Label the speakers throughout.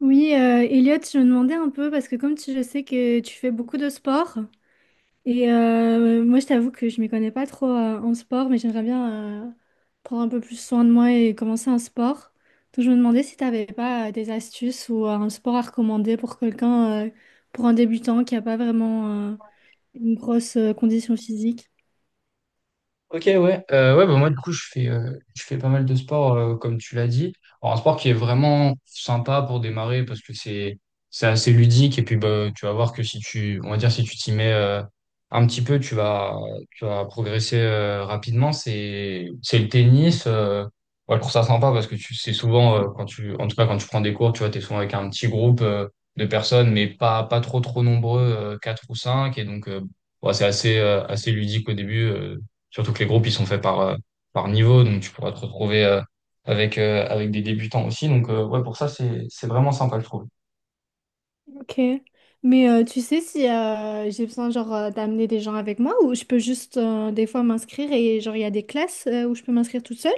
Speaker 1: Oui, Elliot, je me demandais un peu, parce que je sais que tu fais beaucoup de sport, et moi je t'avoue que je m'y connais pas trop en sport, mais j'aimerais bien prendre un peu plus soin de moi et commencer un sport. Donc je me demandais si tu n'avais pas des astuces ou un sport à recommander pour quelqu'un, pour un débutant qui n'a pas vraiment une grosse condition physique.
Speaker 2: Ok, ouais. Ouais, bah moi, du coup, je fais pas mal de sport, comme tu l'as dit. Alors, un sport qui est vraiment sympa pour démarrer parce que c'est assez ludique. Et puis, bah, tu vas voir que si tu, on va dire, si tu t'y mets, un petit peu, tu vas progresser, rapidement. C'est le tennis. Ouais, je trouve ça sympa parce que c'est souvent, quand en tout cas, quand tu prends des cours, tu vois, t'es souvent avec un petit groupe, de personnes, mais pas trop nombreux, quatre ou cinq. Et donc, ouais, c'est assez ludique au début. Surtout que les groupes, ils sont faits par niveau, donc tu pourras te retrouver avec des débutants aussi. Donc, ouais, pour ça, c'est vraiment sympa, je trouve.
Speaker 1: Ok. Mais tu sais si j'ai besoin genre d'amener des gens avec moi ou je peux juste des fois m'inscrire et genre il y a des classes où je peux m'inscrire toute seule?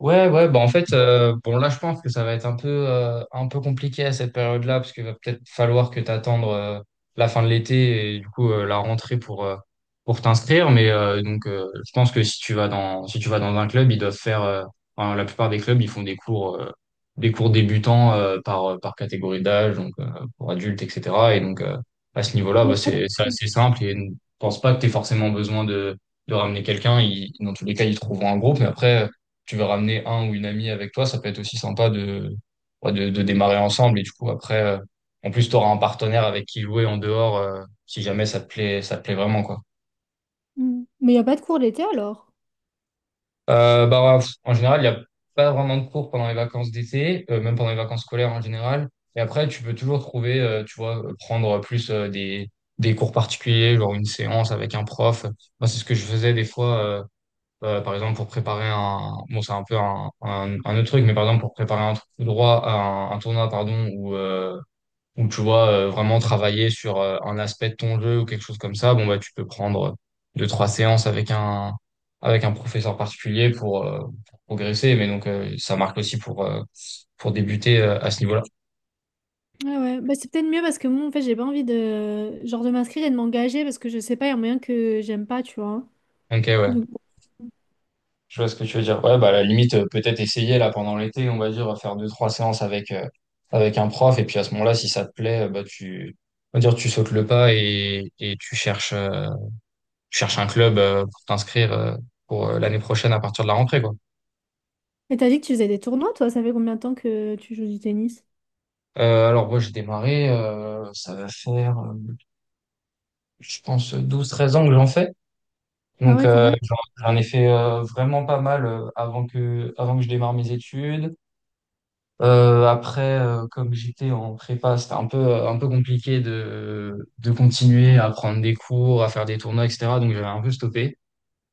Speaker 2: Ouais, ouais, bah en fait, bon là je pense que ça va être un peu compliqué à cette période-là, parce qu'il va peut-être falloir que t'attendes la fin de l'été et du coup la rentrée pour t'inscrire. Mais donc je pense que si tu vas dans un club, ils doivent faire, enfin, la plupart des clubs, ils font des cours débutants par catégorie d'âge, donc pour adultes, etc. Et donc à ce niveau-là,
Speaker 1: Il y a
Speaker 2: bah,
Speaker 1: pas de-
Speaker 2: c'est assez simple et ne pense pas que t'aies forcément besoin de ramener quelqu'un. Dans tous les cas, ils trouveront un groupe, mais après tu veux ramener un ou une amie avec toi, ça peut être aussi sympa ouais, de démarrer ensemble. Et du coup, après, en plus, tu auras un partenaire avec qui jouer en dehors, si jamais ça te plaît, ça te plaît vraiment, quoi.
Speaker 1: Mm. Mais il n'y a pas de cours l'été alors?
Speaker 2: Bah, ouais, pff, en général, il n'y a pas vraiment de cours pendant les vacances d'été, même pendant les vacances scolaires en général. Et après, tu peux toujours trouver, tu vois, prendre plus des cours particuliers, genre une séance avec un prof. Moi, c'est ce que je faisais des fois. Par exemple, pour préparer bon, c'est un peu un autre truc, mais par exemple, pour préparer un, trou- droit, un tournoi, pardon, où tu vois vraiment travailler sur un aspect de ton jeu ou quelque chose comme ça, bon, bah, tu peux prendre deux, trois séances avec un professeur particulier pour progresser, mais donc, ça marque aussi pour débuter à ce niveau-là.
Speaker 1: Ouais, ouais. Bah, c'est peut-être mieux parce que moi, en fait, j'ai pas envie de, genre, de m'inscrire et de m'engager parce que je sais pas, il y a moyen que j'aime pas, tu vois.
Speaker 2: Ok, ouais.
Speaker 1: Donc...
Speaker 2: Je vois ce que tu veux dire. Ouais, bah, à la limite, peut-être essayer là pendant l'été, on va dire, faire deux, trois séances avec un prof. Et puis à ce moment-là, si ça te plaît, bah, on va dire, tu sautes le pas et tu cherches un club pour t'inscrire pour l'année prochaine à partir de la rentrée, quoi.
Speaker 1: Et t'as dit que tu faisais des tournois, toi? Ça fait combien de temps que tu joues du tennis?
Speaker 2: Alors, moi, j'ai démarré, ça va faire, je pense, 12 13 ans que j'en fais.
Speaker 1: Ah
Speaker 2: Donc,
Speaker 1: ouais, quand même.
Speaker 2: j'en ai fait vraiment pas mal avant que je démarre mes études. Après, comme j'étais en prépa, c'était un peu compliqué de continuer à prendre des cours, à faire des tournois, etc. Donc j'avais un peu stoppé.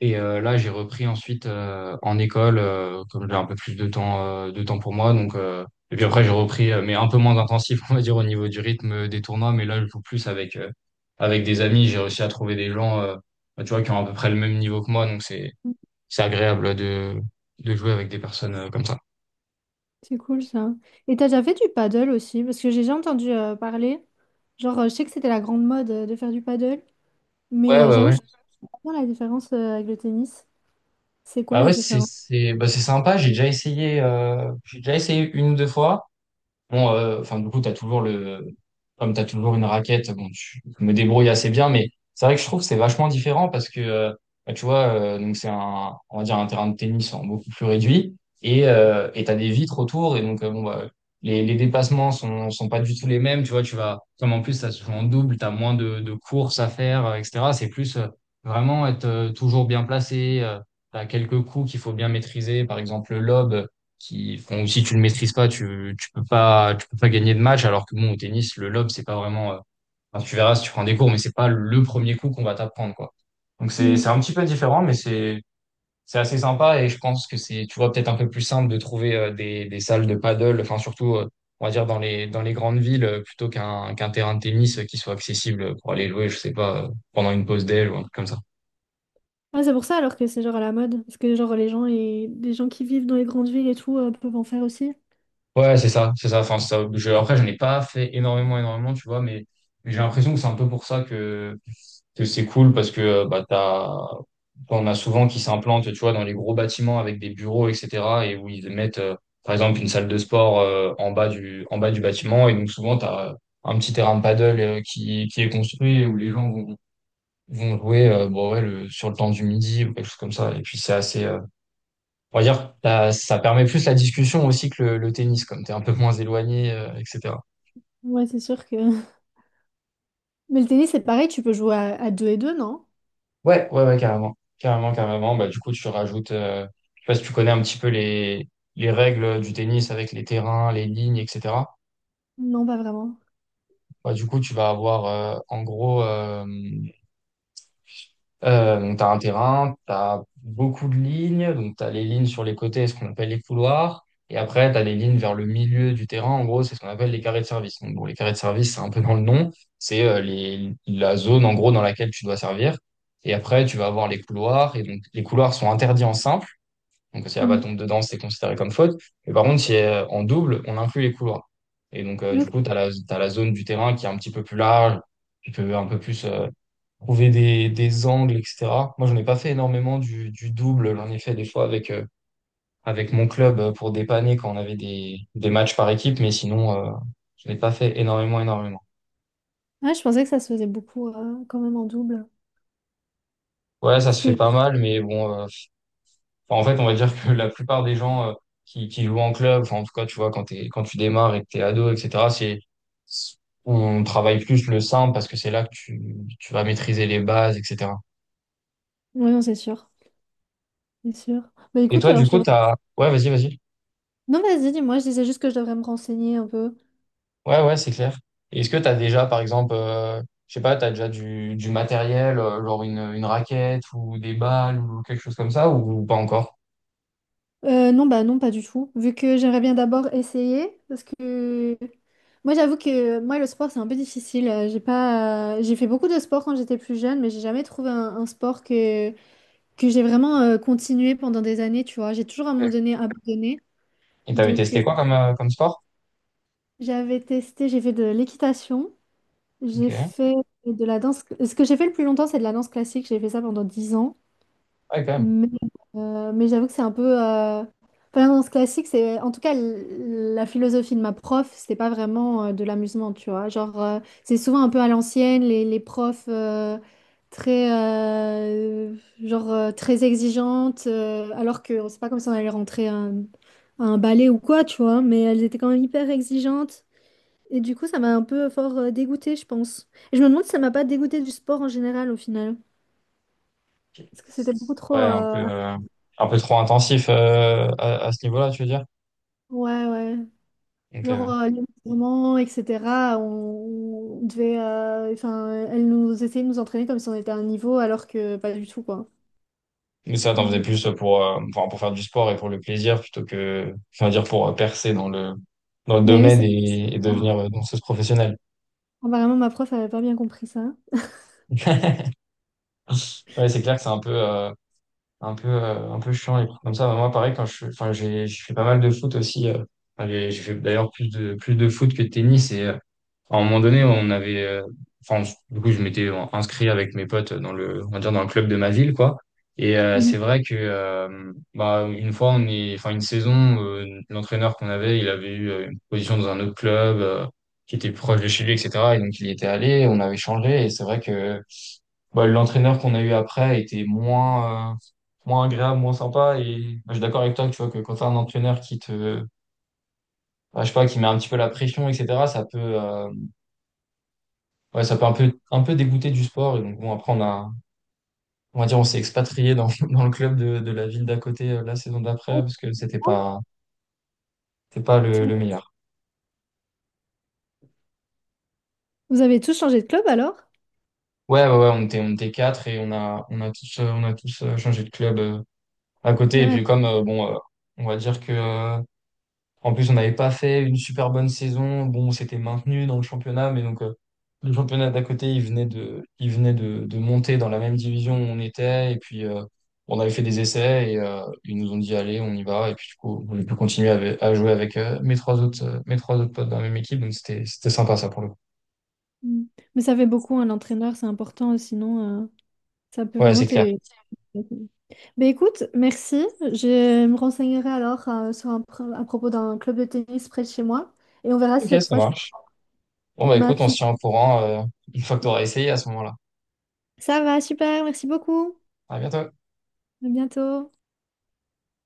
Speaker 2: Et là, j'ai repris ensuite en école, comme j'ai un peu plus de temps pour moi. Donc, et puis après, j'ai repris, mais un peu moins intensif, on va dire, au niveau du rythme des tournois. Mais là, je joue plus avec des amis. J'ai réussi à trouver des gens, bah, tu vois, qui ont à peu près le même niveau que moi. Donc
Speaker 1: Mm.
Speaker 2: c'est agréable de jouer avec des personnes comme ça.
Speaker 1: C'est cool ça. Et t'as déjà fait du paddle aussi? Parce que j'ai déjà entendu parler. Genre, je sais que c'était la grande mode de faire du paddle. Mais
Speaker 2: Ouais, ouais,
Speaker 1: j'avoue,
Speaker 2: ouais.
Speaker 1: je comprends pas la différence avec le tennis. C'est quoi
Speaker 2: Bah
Speaker 1: la
Speaker 2: ouais, c'est
Speaker 1: différence?
Speaker 2: c'est bah c'est sympa. J'ai déjà essayé une ou deux fois. Bon, enfin, du coup, comme t'as toujours une raquette, bon, je me débrouille assez bien, mais c'est vrai que je trouve que c'est vachement différent parce que, bah, tu vois, donc on va dire un terrain de tennis en beaucoup plus réduit et t'as des vitres autour et donc, bon, bah, les dépassements sont pas du tout les mêmes, tu vois, comme en plus, ça se joue en double, t'as moins de courses à faire, etc. C'est plus vraiment être toujours bien placé, t'as quelques coups qu'il faut bien maîtriser, par exemple, le lob qui font, si tu le maîtrises pas, tu peux pas gagner de match. Alors que bon, au tennis, le lob, c'est pas vraiment, enfin, tu verras si tu prends des cours, mais c'est pas le premier coup qu'on va t'apprendre, quoi. Donc c'est un petit peu différent, mais c'est assez sympa et je pense que c'est, tu vois, peut-être un peu plus simple de trouver des salles de paddle, enfin, surtout, on va dire dans les grandes villes, qu'un terrain de tennis qui soit accessible pour aller louer, je sais pas, pendant une pause déj ou un truc comme ça.
Speaker 1: Ouais, c'est pour ça alors que c'est genre à la mode. Parce que genre les gens et les gens qui vivent dans les grandes villes et tout peuvent en faire aussi.
Speaker 2: Ouais, c'est ça, c'est ça. Enfin, après, j'en ai pas fait énormément, énormément, tu vois, mais j'ai l'impression que c'est un peu pour ça que c'est cool parce que bah, on a souvent qui s'implantent, tu vois, dans les gros bâtiments avec des bureaux, etc., et où ils mettent, par exemple, une salle de sport en bas du bâtiment, et donc souvent t'as un petit terrain de paddle qui est construit et où les gens vont jouer, bon, ouais, sur le temps du midi ou quelque chose comme ça. Et puis c'est assez, on va dire, ça permet plus la discussion aussi que le tennis, comme tu es un peu moins éloigné, etc.
Speaker 1: Ouais, c'est sûr que. Mais le tennis, c'est pareil, tu peux jouer à deux et deux, non?
Speaker 2: Ouais, ouais, ouais, carrément. Carrément, carrément. Bah, du coup, tu rajoutes, je sais pas si tu connais un petit peu les règles du tennis avec les terrains, les lignes, etc.
Speaker 1: Non, pas vraiment.
Speaker 2: Bah, du coup, tu vas avoir, en gros, tu as un terrain, tu as beaucoup de lignes, donc tu as les lignes sur les côtés, ce qu'on appelle les couloirs, et après tu as les lignes vers le milieu du terrain, en gros, c'est ce qu'on appelle les carrés de service. Donc, bon, les carrés de service, c'est un peu dans le nom, c'est la zone en gros dans laquelle tu dois servir, et après tu vas avoir les couloirs, et donc les couloirs sont interdits en simple, donc si la balle
Speaker 1: Mm.
Speaker 2: tombe dedans, c'est considéré comme faute, mais par contre, si en double, on inclut les couloirs. Et donc, du coup,
Speaker 1: Ok.
Speaker 2: t'as la zone du terrain qui est un petit peu plus large, qui peut un peu plus, trouver des angles, etc. Moi, j'en ai pas fait énormément du double. J'en ai fait des fois avec mon club pour dépanner quand on avait des matchs par équipe, mais sinon, je n'ai pas fait énormément, énormément.
Speaker 1: Ouais, je pensais que ça se faisait beaucoup quand même en double.
Speaker 2: Ouais, ça
Speaker 1: Parce
Speaker 2: se fait
Speaker 1: que...
Speaker 2: pas mal, mais bon, enfin, en fait, on va dire que la plupart des gens qui jouent en club, enfin, en tout cas, tu vois, quand tu démarres et que t'es ado, etc., on travaille plus le simple parce que c'est là que tu vas maîtriser les bases, etc.
Speaker 1: Ouais, non, c'est sûr. C'est sûr. Bah
Speaker 2: Et
Speaker 1: écoute,
Speaker 2: toi,
Speaker 1: alors
Speaker 2: du
Speaker 1: je
Speaker 2: coup,
Speaker 1: devrais...
Speaker 2: ouais, vas-y, vas-y.
Speaker 1: Non, vas-y, dis-moi, je disais juste que je devrais me renseigner un peu.
Speaker 2: Ouais, ouais, c'est clair. Et est-ce que tu as déjà, par exemple, je sais pas, tu as déjà du matériel, genre une raquette ou des balles ou quelque chose comme ça, ou pas encore?
Speaker 1: Non, bah non, pas du tout. Vu que j'aimerais bien d'abord essayer, parce que moi j'avoue que moi le sport c'est un peu difficile. J'ai pas, j'ai fait beaucoup de sport quand j'étais plus jeune, mais j'ai jamais trouvé un sport que j'ai vraiment continué pendant des années. Tu vois, j'ai toujours à un moment
Speaker 2: Ouais.
Speaker 1: donné abandonné.
Speaker 2: Et t'avais
Speaker 1: Donc
Speaker 2: testé quoi comme sport?
Speaker 1: j'avais testé, j'ai fait de l'équitation,
Speaker 2: Ok.
Speaker 1: j'ai
Speaker 2: Ouais,
Speaker 1: fait de la danse. Ce que j'ai fait le plus longtemps, c'est de la danse classique. J'ai fait ça pendant 10 ans.
Speaker 2: quand même.
Speaker 1: Mais, mais j'avoue que c'est un peu. Enfin, dans ce classique, c'est. En tout cas, la philosophie de ma prof, c'était pas vraiment de l'amusement, tu vois. Genre, c'est souvent un peu à l'ancienne, les profs très. Genre, très exigeantes, alors que c'est pas comme si on allait rentrer à un ballet ou quoi, tu vois. Mais elles étaient quand même hyper exigeantes. Et du coup, ça m'a un peu fort dégoûtée, je pense. Et je me demande si ça m'a pas dégoûtée du sport en général, au final.
Speaker 2: Ok.
Speaker 1: Parce que c'était beaucoup trop.
Speaker 2: Ouais,
Speaker 1: euh,
Speaker 2: un peu trop intensif à ce niveau-là, tu veux dire?
Speaker 1: Ouais, ouais.
Speaker 2: Donc
Speaker 1: Genre,
Speaker 2: ouais.
Speaker 1: les mouvements, etc. On devait, enfin, elle nous essayait de nous entraîner comme si on était à un niveau, alors que pas du tout, quoi.
Speaker 2: Mais ça, t'en faisais
Speaker 1: Mm.
Speaker 2: plus pour faire du sport et pour le plaisir plutôt que, enfin, dire, pour percer dans dans le
Speaker 1: Mais oui,
Speaker 2: domaine et devenir danseuse professionnelle.
Speaker 1: apparemment, ma prof avait pas bien compris ça.
Speaker 2: Ouais, c'est clair que c'est un peu chiant et comme ça. Bah, moi, pareil, enfin, j'ai fait pas mal de foot aussi. Enfin, j'ai fait d'ailleurs plus de foot que de tennis. Et à un moment donné, on avait, enfin, du coup, je m'étais inscrit avec mes potes on va dire, dans le club de ma ville, quoi. Et
Speaker 1: Mhm.
Speaker 2: c'est vrai que, bah, une fois, enfin, une saison, l'entraîneur qu'on avait, il avait eu une position dans un autre club qui était proche de chez lui, etc. Et donc, il y était allé, on avait changé. Et c'est vrai que bah, l'entraîneur qu'on a eu après a été moins agréable, moins sympa. Et bah, je suis d'accord avec toi que tu vois que quand tu un entraîneur bah, je sais pas, qui met un petit peu la pression, etc., ouais, ça peut un peu dégoûter du sport. Et donc, bon, après, on va dire, on s'est expatrié dans, dans le club de la ville d'à côté la saison d'après
Speaker 1: Ouais,
Speaker 2: parce que c'était pas le,
Speaker 1: c'est
Speaker 2: le
Speaker 1: bon.
Speaker 2: meilleur.
Speaker 1: Vous avez tous changé de club alors?
Speaker 2: Ouais, ouais, ouais, on était quatre et on a tous changé de club à
Speaker 1: Ah
Speaker 2: côté. Et
Speaker 1: ouais.
Speaker 2: puis, comme, bon, on va dire que, en plus, on n'avait pas fait une super bonne saison. Bon, on s'était maintenu dans le championnat, mais donc le championnat d'à côté, il venait de monter dans la même division où on était. Et puis, on avait fait des essais et ils nous ont dit, allez, on y va. Et puis, du coup, on a pu continuer jouer avec mes trois autres potes dans la même équipe. Donc, c'était sympa, ça, pour le coup.
Speaker 1: Mm. Mais ça fait beaucoup, un entraîneur, c'est important, sinon ça peut
Speaker 2: Ouais,
Speaker 1: vraiment
Speaker 2: c'est clair.
Speaker 1: te... Mais écoute, merci. Je me renseignerai alors à propos d'un club de tennis près de chez moi et on verra si
Speaker 2: Ok,
Speaker 1: cette
Speaker 2: ça
Speaker 1: fois je peux
Speaker 2: marche. Bon, bah écoute, on se
Speaker 1: maintenir.
Speaker 2: tient au courant une fois que tu auras essayé à ce moment-là.
Speaker 1: Ça va, super, merci beaucoup.
Speaker 2: À bientôt.
Speaker 1: À bientôt.